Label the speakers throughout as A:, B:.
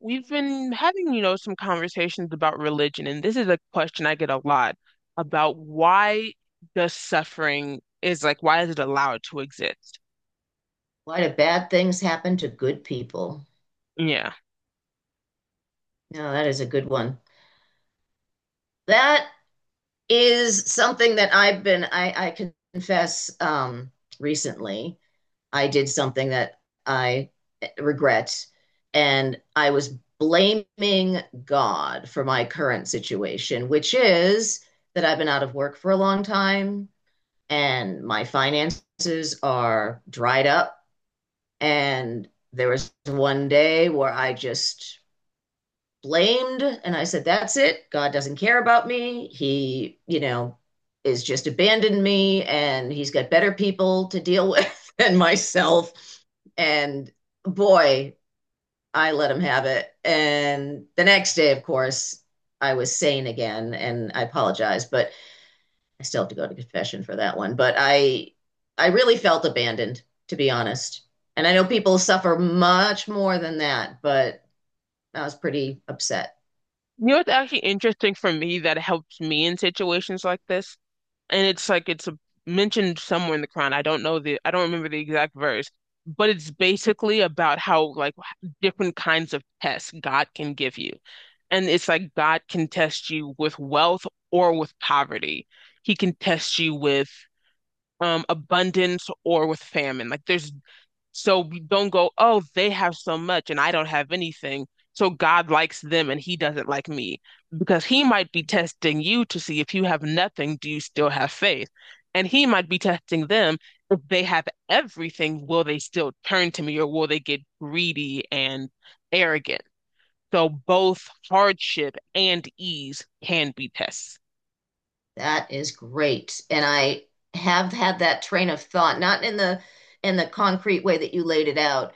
A: We've been having, some conversations about religion, and this is a question I get a lot about why does suffering is like, why is it allowed to exist?
B: Why do bad things happen to good people?
A: Yeah.
B: No, that is a good one. That is something that I've been, I confess, recently. I did something that I regret, and I was blaming God for my current situation, which is that I've been out of work for a long time and my finances are dried up. And there was one day where I just blamed. And I said, that's it. God doesn't care about me. He, you know, is just abandoned me and he's got better people to deal with than myself. And boy, I let him have it. And the next day, of course, I was sane again and I apologize, but I still have to go to confession for that one. But I really felt abandoned, to be honest. And I know people suffer much more than that, but I was pretty upset.
A: It's actually interesting for me that it helps me in situations like this and it's like it's a, mentioned somewhere in the Quran. I don't remember the exact verse, but it's basically about how like different kinds of tests God can give you. And it's like God can test you with wealth or with poverty. He can test you with abundance or with famine. Like there's So we don't go, oh, they have so much and I don't have anything. So God likes them and he doesn't like me because he might be testing you to see if you have nothing, do you still have faith? And he might be testing them if they have everything, will they still turn to me or will they get greedy and arrogant? So both hardship and ease can be tests.
B: That is great. And I have had that train of thought, not in the concrete way that you laid it out,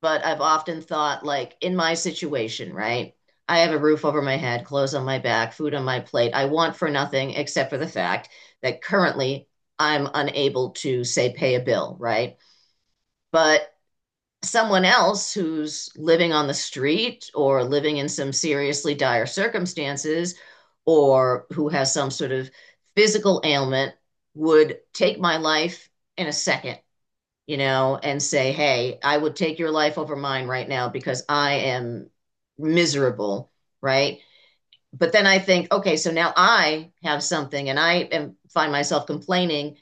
B: but I've often thought like in my situation, right? I have a roof over my head, clothes on my back, food on my plate. I want for nothing except for the fact that currently I'm unable to, say, pay a bill, right? But someone else who's living on the street or living in some seriously dire circumstances or who has some sort of physical ailment would take my life in a second, you know, and say, hey, I would take your life over mine right now because I am miserable, right? But then I think, okay, so now I have something and I am, find myself complaining,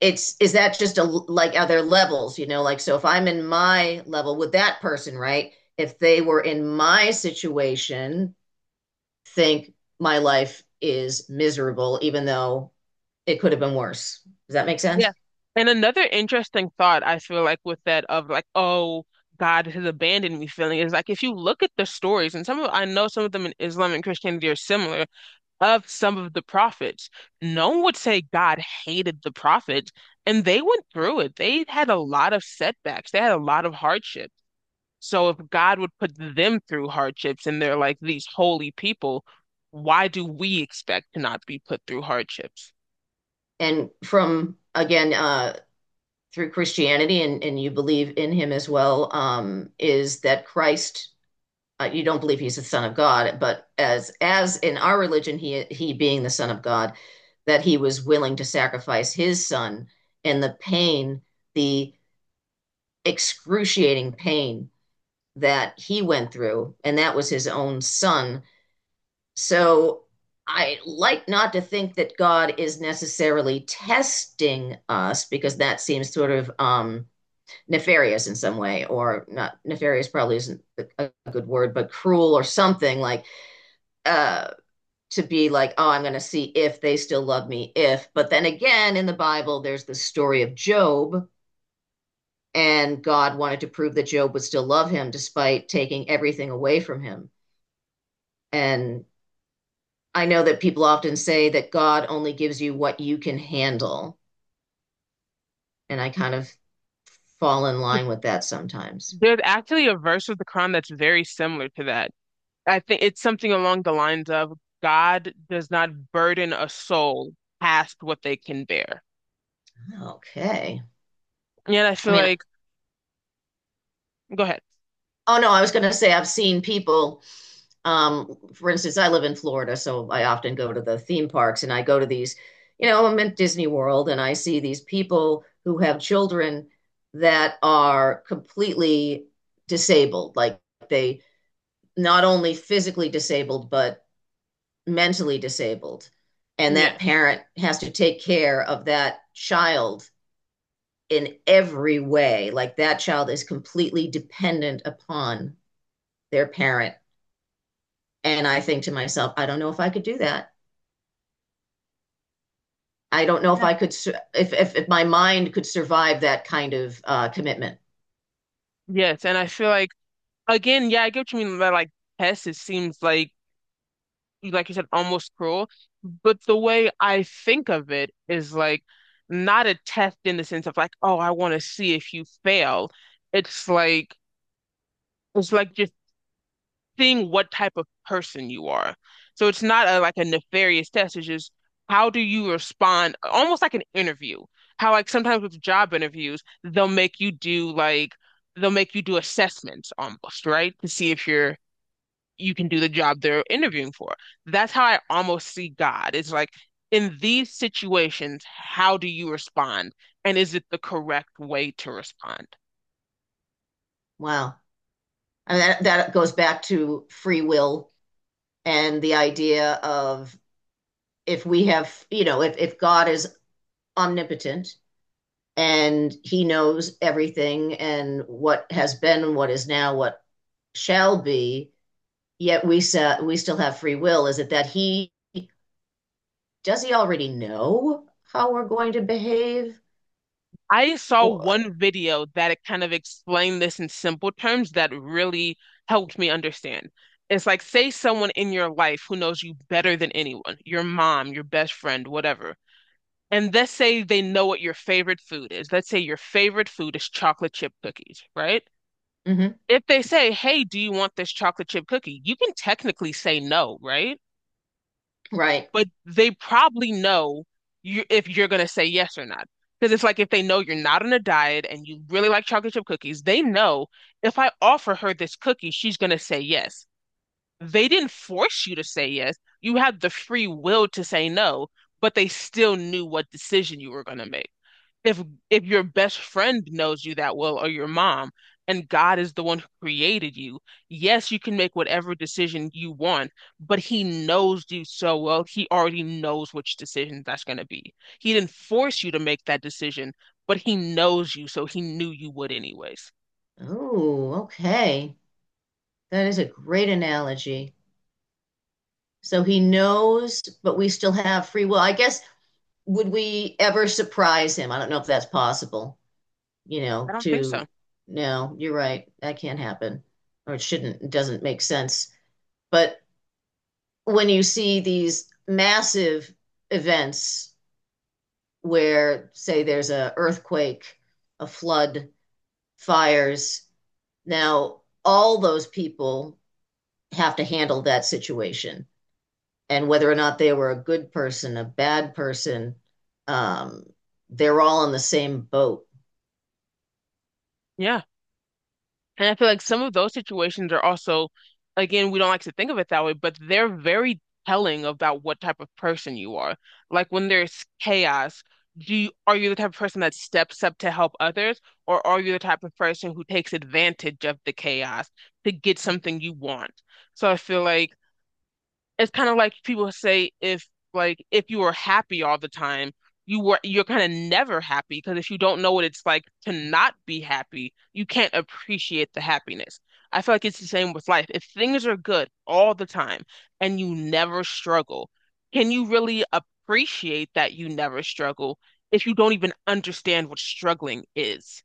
B: it's, is that just a, like are there levels, you know, like so if I'm in my level with that person, right, if they were in my situation, think my life is miserable even though it could have been worse. Does that make sense?
A: Yeah. And another interesting thought I feel like with that of like, oh, God has abandoned me feeling is like if you look at the stories, and some of I know some of them in Islam and Christianity are similar of some of the prophets, no one would say God hated the prophets, and they went through it. They had a lot of setbacks, they had a lot of hardships. So if God would put them through hardships and they're like these holy people, why do we expect to not be put through hardships?
B: And from again through Christianity, and you believe in him as well, is that Christ, you don't believe he's the son of God, but as in our religion, he being the son of God, that he was willing to sacrifice his son and the pain, the excruciating pain that he went through, and that was his own son. So I like not to think that God is necessarily testing us because that seems sort of nefarious in some way, or not nefarious probably isn't a good word, but cruel or something like uh to be like, oh, I'm going to see if they still love me, if. But then again, in the Bible, there's the story of Job, and God wanted to prove that Job would still love him despite taking everything away from him. And I know that people often say that God only gives you what you can handle. And I kind of fall in line with that sometimes.
A: There's actually a verse of the Quran that's very similar to that. I think it's something along the lines of God does not burden a soul past what they can bear.
B: Okay.
A: And I
B: I
A: feel
B: mean,
A: like, go ahead.
B: oh no, I was going to say I've seen people. For instance, I live in Florida, so I often go to the theme parks and I go to these, you know, I'm at Disney World and I see these people who have children that are completely disabled. Like they not only physically disabled, but mentally disabled. And that
A: Yes.
B: parent has to take care of that child in every way. Like that child is completely dependent upon their parent. And I think to myself, I don't know if I could do that. I don't know if
A: Yeah.
B: I could, if my mind could survive that kind of commitment.
A: Yes. And I feel like, again, yeah, I get what you mean by like tests. It seems like you said, almost cruel. But the way I think of it is like not a test in the sense of like, oh, I want to see if you fail. It's like it's like just seeing what type of person you are. So it's not a like a nefarious test. It's just how do you respond, almost like an interview. How like sometimes with job interviews, they'll make you do assessments almost, right? To see if you can do the job they're interviewing for. That's how I almost see God. It's like in these situations, how do you respond? And is it the correct way to respond?
B: Wow. I mean, that goes back to free will and the idea of if we have, you know, if God is omnipotent and he knows everything and what has been, what is now, what shall be, yet we, we still have free will, is it that he, does he already know how we're going to behave?
A: I saw
B: Or,
A: one video that it kind of explained this in simple terms that really helped me understand. It's like, say someone in your life who knows you better than anyone, your mom, your best friend, whatever. And let's say they know what your favorite food is. Let's say your favorite food is chocolate chip cookies, right?
B: mhm,
A: If they say, hey, do you want this chocolate chip cookie? You can technically say no, right?
B: right.
A: But they probably know you if you're gonna say yes or not. Because it's like if they know you're not on a diet and you really like chocolate chip cookies, they know if I offer her this cookie, she's gonna say yes. They didn't force you to say yes. You had the free will to say no, but they still knew what decision you were gonna make if if your best friend knows you that well or your mom and God is the one who created you, yes, you can make whatever decision you want, but he knows you so well, he already knows which decision that's going to be. He didn't force you to make that decision, but he knows you, so he knew you would anyways.
B: Oh, okay. That is a great analogy. So he knows, but we still have free will. I guess, would we ever surprise him? I don't know if that's possible, you
A: I
B: know,
A: don't think so.
B: to, no, you're right. That can't happen. Or it shouldn't, it doesn't make sense. But when you see these massive events where, say, there's a earthquake, a flood, fires, now all those people have to handle that situation and whether or not they were a good person, a bad person, um, they're all in the same boat.
A: Yeah. And I feel like some of those situations are also, again, we don't like to think of it that way, but they're very telling about what type of person you are. Like when there's chaos, are you the type of person that steps up to help others, or are you the type of person who takes advantage of the chaos to get something you want? So I feel like it's kind of like people say if you were happy all the time, you're kind of never happy because if you don't know what it's like to not be happy, you can't appreciate the happiness. I feel like it's the same with life. If things are good all the time and you never struggle, can you really appreciate that you never struggle if you don't even understand what struggling is?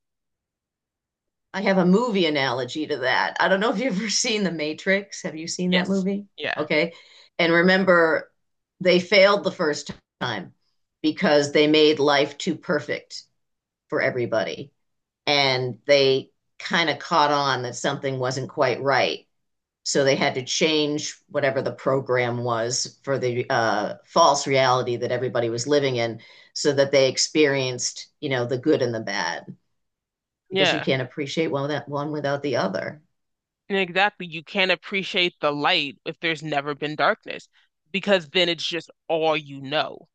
B: I have a movie analogy to that. I don't know if you've ever seen The Matrix. Have you seen that
A: Yes.
B: movie?
A: Yeah.
B: Okay. And remember, they failed the first time because they made life too perfect for everybody. And they kind of caught on that something wasn't quite right. So they had to change whatever the program was for the false reality that everybody was living in, so that they experienced, you know, the good and the bad, because you
A: Yeah.
B: can't appreciate one without the other.
A: And exactly, you can't appreciate the light if there's never been darkness, because then it's just all you know.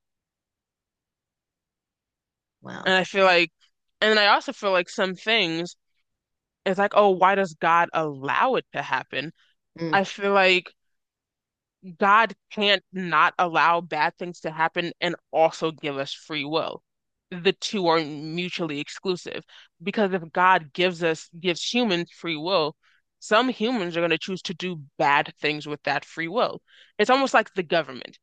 A: And
B: Wow.
A: I feel like, and I also feel like some things, it's like, oh, why does God allow it to happen?
B: Mm.
A: I feel like God can't not allow bad things to happen and also give us free will. The two are mutually exclusive because if gives humans free will, some humans are going to choose to do bad things with that free will. It's almost like the government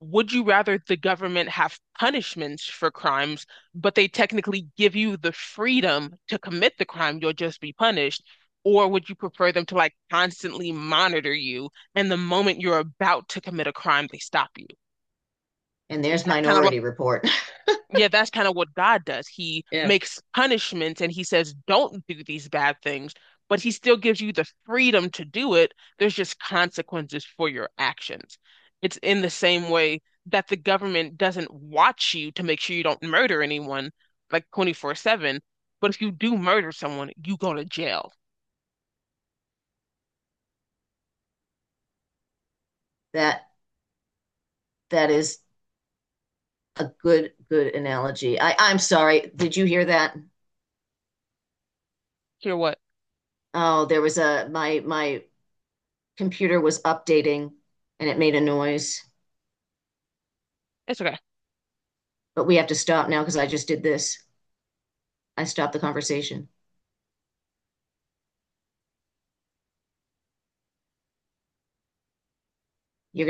A: would you rather the government have punishments for crimes, but they technically give you the freedom to commit the crime, you'll just be punished? Or would you prefer them to like constantly monitor you and the moment you're about to commit a crime, they stop you?
B: And there's
A: That's kind of
B: Minority Report.
A: yeah, that's kind of what God does. He
B: Yeah.
A: makes punishments and he says, don't do these bad things, but he still gives you the freedom to do it. There's just consequences for your actions. It's in the same way that the government doesn't watch you to make sure you don't murder anyone like 24/7, but if you do murder someone, you go to jail.
B: That that is a good analogy. I'm sorry. Did you hear that?
A: Hear what?
B: Oh, there was a my computer was updating, and it made a noise.
A: It's okay.
B: But we have to stop now because I just did this. I stopped the conversation. You're